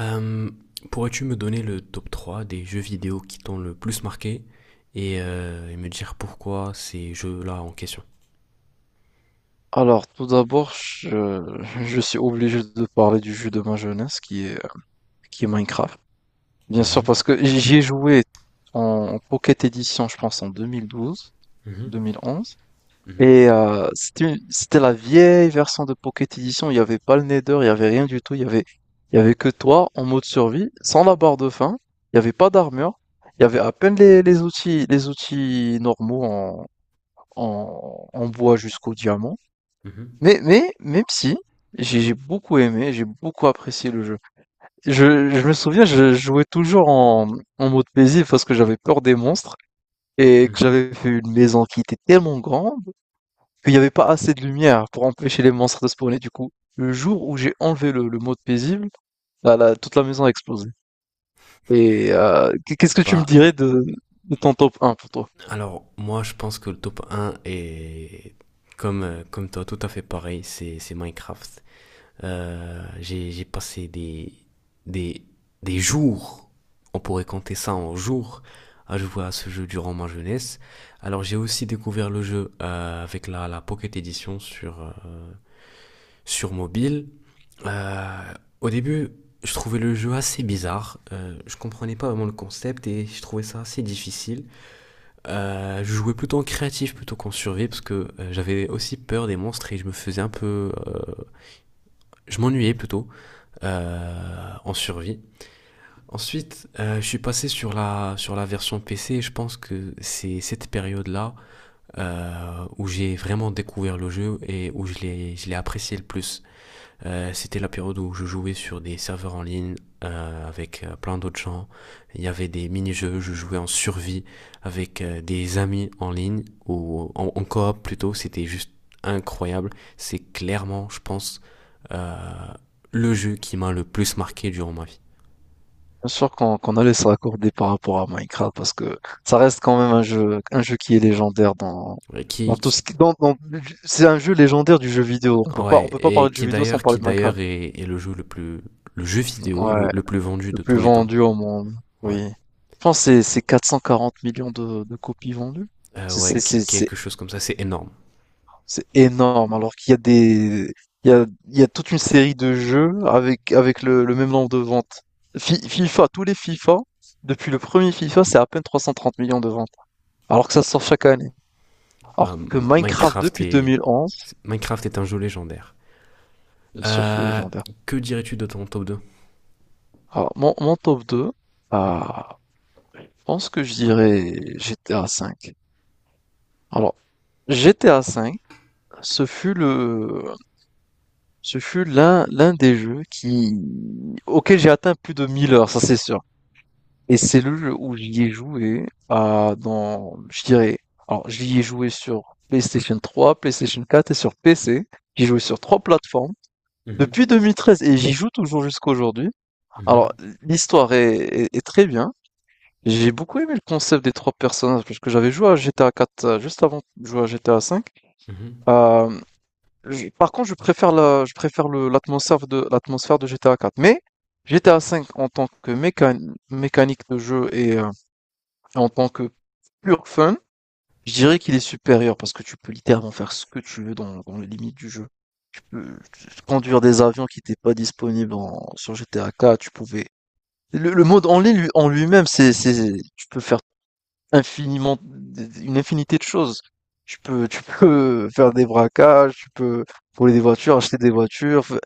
Euh, Pourrais-tu me donner le top 3 des jeux vidéo qui t'ont le plus marqué et, et me dire pourquoi ces jeux-là en question? Alors, tout d'abord, je, je suis obligé de parler du jeu de ma jeunesse qui est Minecraft. Bien sûr, Mhm, parce que j'y ai joué en Pocket Edition, je pense, en 2012, mhm, 2011. mhm, C'était la vieille version de Pocket Edition. Il n'y avait pas le Nether, il n'y avait rien du tout. Il y avait que toi en mode survie, sans la barre de faim. Il n'y avait pas d'armure. Il y avait à peine les outils, les outils normaux en bois jusqu'au diamant. mhm, Mais même si, j'ai beaucoup aimé, j'ai beaucoup apprécié le jeu. Je me souviens, je jouais toujours en mode paisible parce que j'avais peur des monstres et que mhm. j'avais fait une maison qui était tellement grande qu'il n'y avait pas assez de lumière pour empêcher les monstres de spawner. Du coup, le jour où j'ai enlevé le mode paisible, là, toute la maison a explosé. Et euh, qu'est-ce que tu me Bah, dirais de ton top un pour toi? alors, moi, je pense que le top un est, comme toi, tout à fait pareil, c'est Minecraft. J'ai passé des, des jours, on pourrait compter ça en jours, à jouer à ce jeu durant ma jeunesse. Alors j'ai aussi découvert le jeu avec la Pocket Edition sur mobile. Euh, au début, je trouvais le jeu assez bizarre. Je comprenais pas vraiment le concept et je trouvais ça assez difficile. Je jouais plutôt en créatif plutôt qu'en survie parce que j'avais aussi peur des monstres et je me faisais un peu je m'ennuyais plutôt en survie. Ensuite, je suis passé sur la version PC et je pense que c'est cette période-là où j'ai vraiment découvert le jeu et où je l'ai apprécié le plus. C'était la période où je jouais sur des serveurs en ligne avec plein d'autres gens. Il y avait des mini-jeux, je jouais en survie avec des amis en ligne ou en coop plutôt. C'était juste incroyable. C'est clairement, je pense, euh, le jeu qui m'a le plus marqué durant ma vie. Bien sûr qu'on allait se raccorder par rapport à Minecraft parce que ça reste quand même un jeu qui est légendaire dans, Ouais, dans tout ce qui, dans, dans- c'est un jeu légendaire du jeu vidéo. On peut pas, on ouais, peut pas et parler de jeu qui vidéo sans d'ailleurs, parler qui de Minecraft. d'ailleurs est le jeu le plus, le jeu vidéo le, Ouais, le plus vendu le de plus tous les temps. vendu au monde. Ouais. Oui. Je pense que c'est 440 millions de copies vendues. C'est Ouais, c'est c'est c'est quelque chose comme ça, c'est énorme. c'est énorme, alors qu'il y a des il y a toute une série de jeux avec le même nombre de ventes. FIFA, tous les FIFA depuis le premier FIFA, c'est à peine 330 millions de ventes. Alors que ça sort chaque année. Bah, Alors que Minecraft Minecraft depuis est... 2011, Minecraft est un jeu légendaire. bien sûr qu'il est Euh, légendaire. que dirais-tu de ton top 2? Alors, mon top 2, ah, je pense que je dirais GTA V. Alors, GTA V, ce fut le, ce fut l'un des jeux auquel j'ai atteint plus de 1000 heures, ça c'est sûr. Et c'est le jeu où j'y ai joué, ah, dans, je dirais, alors j'y ai joué sur PlayStation 3, PlayStation 4 et sur PC. J'y ai joué sur trois plateformes depuis 2013 et j'y joue toujours jusqu'à aujourd'hui. Alors, l'histoire est très bien. J'ai beaucoup aimé le concept des trois personnages parce que j'avais joué à GTA 4 juste avant de jouer à GTA 5. Euh, Par contre, je préfère la, je préfère le, l'atmosphère de GTA 4. Mais GTA 5 en tant que mécanique de jeu et en tant que pur fun, je dirais qu'il est supérieur parce que tu peux littéralement faire ce que tu veux dans les limites du jeu. Tu peux conduire des avions qui n'étaient pas disponibles sur GTA 4. Tu pouvais Le mode en ligne en lui-même, tu peux faire infiniment, une infinité de choses. Tu peux faire des braquages, tu peux voler des voitures, acheter des voitures,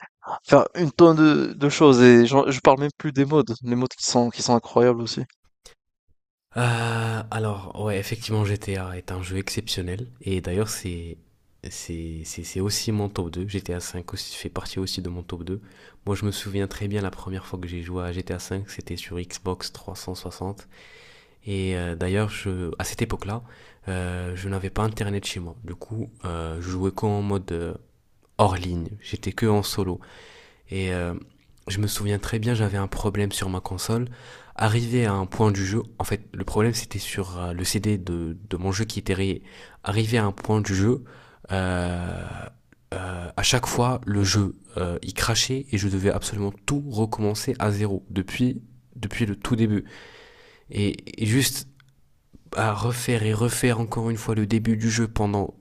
faire une tonne de choses. Je parle même plus des modes, les modes qui sont incroyables aussi. Alors, ouais, effectivement, GTA est un jeu exceptionnel. Et d'ailleurs, c'est aussi mon top 2. GTA 5 aussi, fait partie aussi de mon top 2. Moi, je me souviens très bien la première fois que j'ai joué à GTA 5, c'était sur Xbox 360. Et d'ailleurs, à cette époque-là, je n'avais pas Internet chez moi. Du coup, je jouais qu'en mode hors ligne. J'étais que en solo. Et je me souviens très bien, j'avais un problème sur ma console. Arrivé à un point du jeu, en fait, le problème c'était sur le CD de mon jeu qui était rayé. Arrivé à un point du jeu, euh, à chaque fois, le jeu il crachait et je devais absolument tout recommencer à zéro depuis le tout début. Et juste à refaire et refaire encore une fois le début du jeu pendant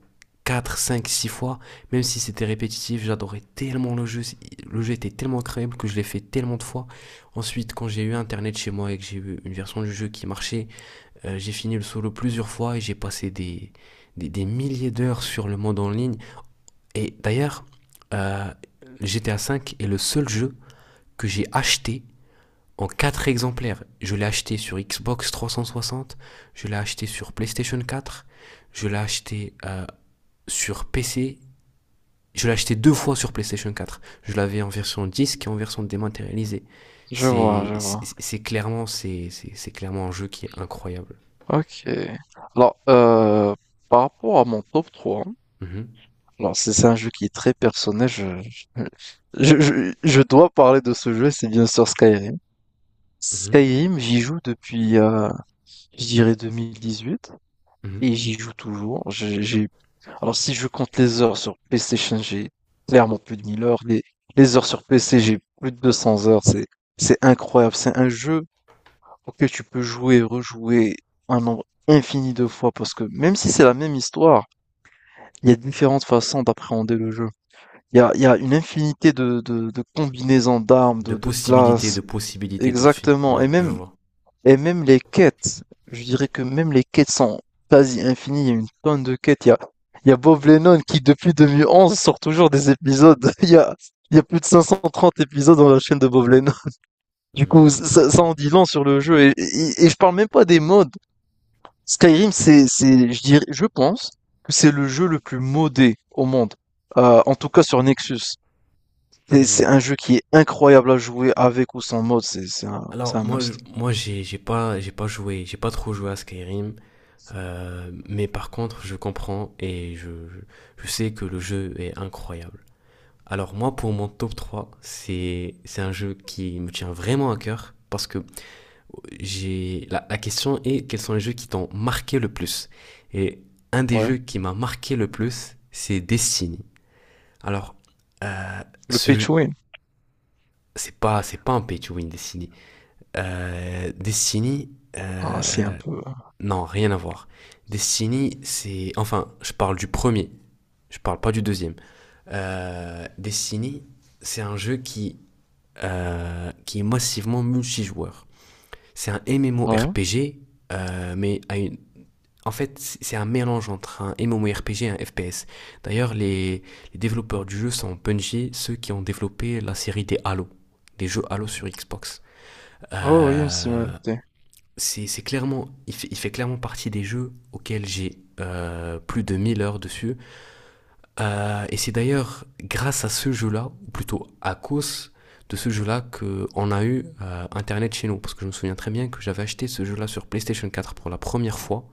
4 5 6 fois, même si c'était répétitif, j'adorais tellement le jeu était tellement incroyable que je l'ai fait tellement de fois. Ensuite, quand j'ai eu internet chez moi et que j'ai eu une version du jeu qui marchait, j'ai fini le solo plusieurs fois et j'ai passé des milliers d'heures sur le mode en ligne. Et d'ailleurs, euh, GTA V est le seul jeu que j'ai acheté en 4 exemplaires. Je l'ai acheté sur Xbox 360, je l'ai acheté sur PlayStation 4, je l'ai acheté sur PC, je l'ai acheté deux fois sur PlayStation 4. Je l'avais en version disque et en version dématérialisée. Je vois, C'est je vois. c'est- c'est clairement, c'est clairement un jeu qui est incroyable. Ok. Alors, par rapport à mon top trois, hein. Mhm, Alors c'est un jeu qui est très personnel. Je dois parler de ce jeu, c'est bien sûr Skyrim. mhm, Skyrim, j'y joue depuis, je dirais huit, et mhm. j'y joue toujours. Alors si je compte les heures sur PlayStation, j'ai clairement plus de 1000 heures. Les heures sur PC, j'ai plus de 200 heures. C'est incroyable. C'est un jeu auquel tu peux jouer, rejouer un nombre infini de fois, parce que même si c'est la même histoire, il y a différentes façons d'appréhender le jeu. Il y a une infinité de combinaisons d'armes, De de possibilités, classes. de possibilités de filles. Exactement. Ouais, Et je même, vois. et même les quêtes. Je dirais que même les quêtes sont quasi infinies. Il y a une tonne de quêtes. Il y a Bob Lennon qui, depuis 2011, sort toujours des épisodes. Il y a plus de 530 épisodes dans la chaîne de Bob Lennon. Du coup, Hmm, ça en dit long sur le jeu. Et je parle même pas des modes. Skyrim, je dirais, je pense que c'est le jeu le plus modé au monde, en tout cas sur Nexus. C'est hmm. un jeu qui est incroyable à jouer avec ou sans mode, c'est Alors un moi, must. moi j'ai pas j'ai pas trop joué à Skyrim. Mais par contre, je comprends et je sais que le jeu est incroyable. Alors moi, pour mon top 3, c'est un jeu qui me tient vraiment à cœur parce que j'ai la question est quels sont les jeux qui t'ont marqué le plus. Et un des Ouais. jeux qui m'a marqué le plus, c'est Destiny. Alors, euh, Le pay ce to win, c'est pas un pay to win Destiny. Destiny, c'est un euh, peu. non, rien à voir. Destiny, c'est. Enfin, je parle du premier. Je parle pas du deuxième. Destiny, c'est un jeu qui est massivement multijoueur. C'est un Ouais. MMORPG, mais à une, en fait, c'est un mélange entre un MMORPG et un FPS. D'ailleurs, les développeurs du jeu sont Bungie, ceux qui ont développé la série des Halo, des jeux Halo sur Xbox. Ouais, ouais, il y a une Euh, similarité. c'est clairement, il fait clairement partie des jeux auxquels j'ai plus de 1000 heures dessus. Et c'est d'ailleurs grâce à ce jeu-là, ou plutôt à cause de ce jeu-là, qu'on a eu Internet chez nous. Parce que je me souviens très bien que j'avais acheté ce jeu-là sur PlayStation 4 pour la première fois.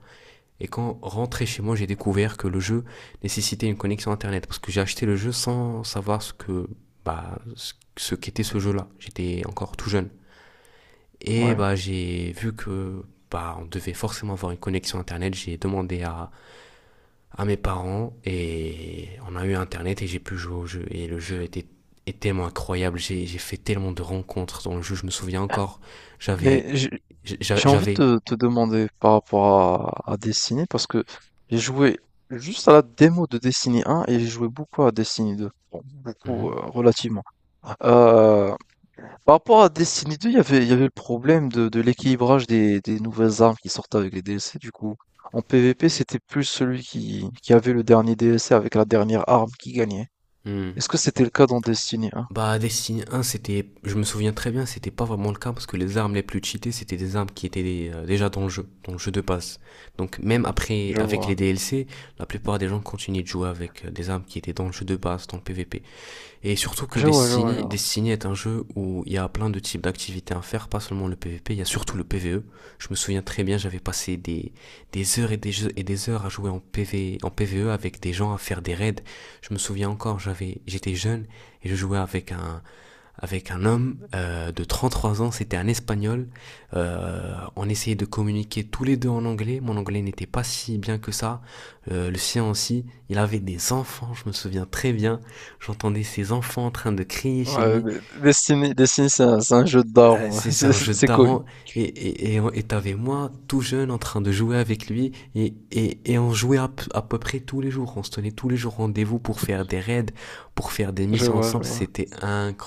Et quand rentré chez moi, j'ai découvert que le jeu nécessitait une connexion Internet. Parce que j'ai acheté le jeu sans savoir ce que, bah, ce qu'était ce jeu-là. J'étais encore tout jeune. Et Ouais. bah, j'ai vu que bah, on devait forcément avoir une connexion Internet. J'ai demandé à mes parents et on a eu Internet et j'ai pu jouer au jeu. Et le jeu était tellement incroyable. J'ai fait tellement de rencontres dans le jeu. Je me souviens encore, j'avais. Mais j'ai envie de J'avais. te demander par rapport à Destiny, parce que j'ai joué juste à la démo de Destiny 1 et j'ai joué beaucoup à Destiny 2. Bon, beaucoup, Mhm. relativement. Euh, Par rapport à Destiny 2, il y avait le problème de l'équilibrage des nouvelles armes qui sortaient avec les DLC, du coup. En PvP, c'était plus celui qui avait le dernier DLC avec la dernière arme qui gagnait. Mhm. Est-ce que c'était le cas dans Destiny 1? Bah, Destiny 1 c'était, je me souviens très bien, c'était pas vraiment le cas parce que les armes les plus cheatées, c'était des armes qui étaient déjà dans le jeu de base. Donc, même après, Je avec les vois. DLC, la plupart des gens continuaient de jouer avec des armes qui étaient dans le jeu de base, dans le PvP. Et surtout que Je vois, je vois, je Destiny, vois. Destiny est un jeu où il y a plein de types d'activités à faire, pas seulement le PvP, il y a surtout le PvE. Je me souviens très bien, j'avais passé des heures et et des heures à jouer en PvE avec des gens, à faire des raids. Je me souviens encore, j'étais jeune et je jouais avec un homme de 33 ans, c'était un Espagnol. On essayait de communiquer tous les deux en anglais. Mon anglais n'était pas si bien que ça. Le sien aussi. Il avait des enfants, je me souviens très bien. J'entendais ses enfants en train de crier chez Ouais, lui. mais Destiny, Destiny, c'est un jeu de Ah, daron. c'est C'est un jeu de c'est cool. tarant. Et t'avais moi, tout jeune, en train de jouer avec lui. Et on jouait à peu près tous les jours. On se tenait tous les jours rendez-vous pour faire des raids, pour faire des Je missions vois, je ensemble. vois. C'était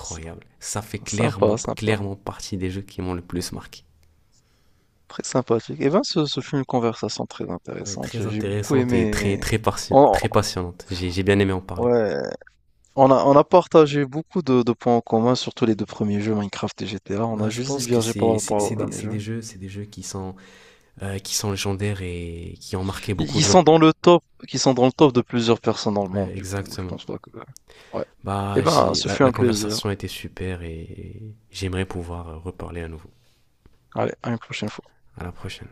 Sy- Ça fait Sympa, clairement, sympa. clairement partie des jeux qui m'ont le plus marqué. Très sympathique. Eh ben, ce fut une conversation très Ouais, intéressante. très J'ai beaucoup intéressante et très, aimé. très, Oh, très passionnante. J'ai bien aimé en parler. ouais. On a partagé beaucoup de points en commun, surtout les deux premiers jeux, Minecraft et GTA. On Bah, a je juste pense que divergé par rapport aux premier jeux. C'est des jeux qui sont légendaires et qui ont marqué Ils beaucoup ils de gens. sont dans le top, qui sont dans le top de plusieurs personnes dans le Ouais, monde, du coup, je exactement. pense pas que... Ouais. Eh Bah, ben, j'ai ce la, fut la un plaisir. conversation était super et j'aimerais pouvoir reparler à nouveau. Allez, à une prochaine fois. À la prochaine.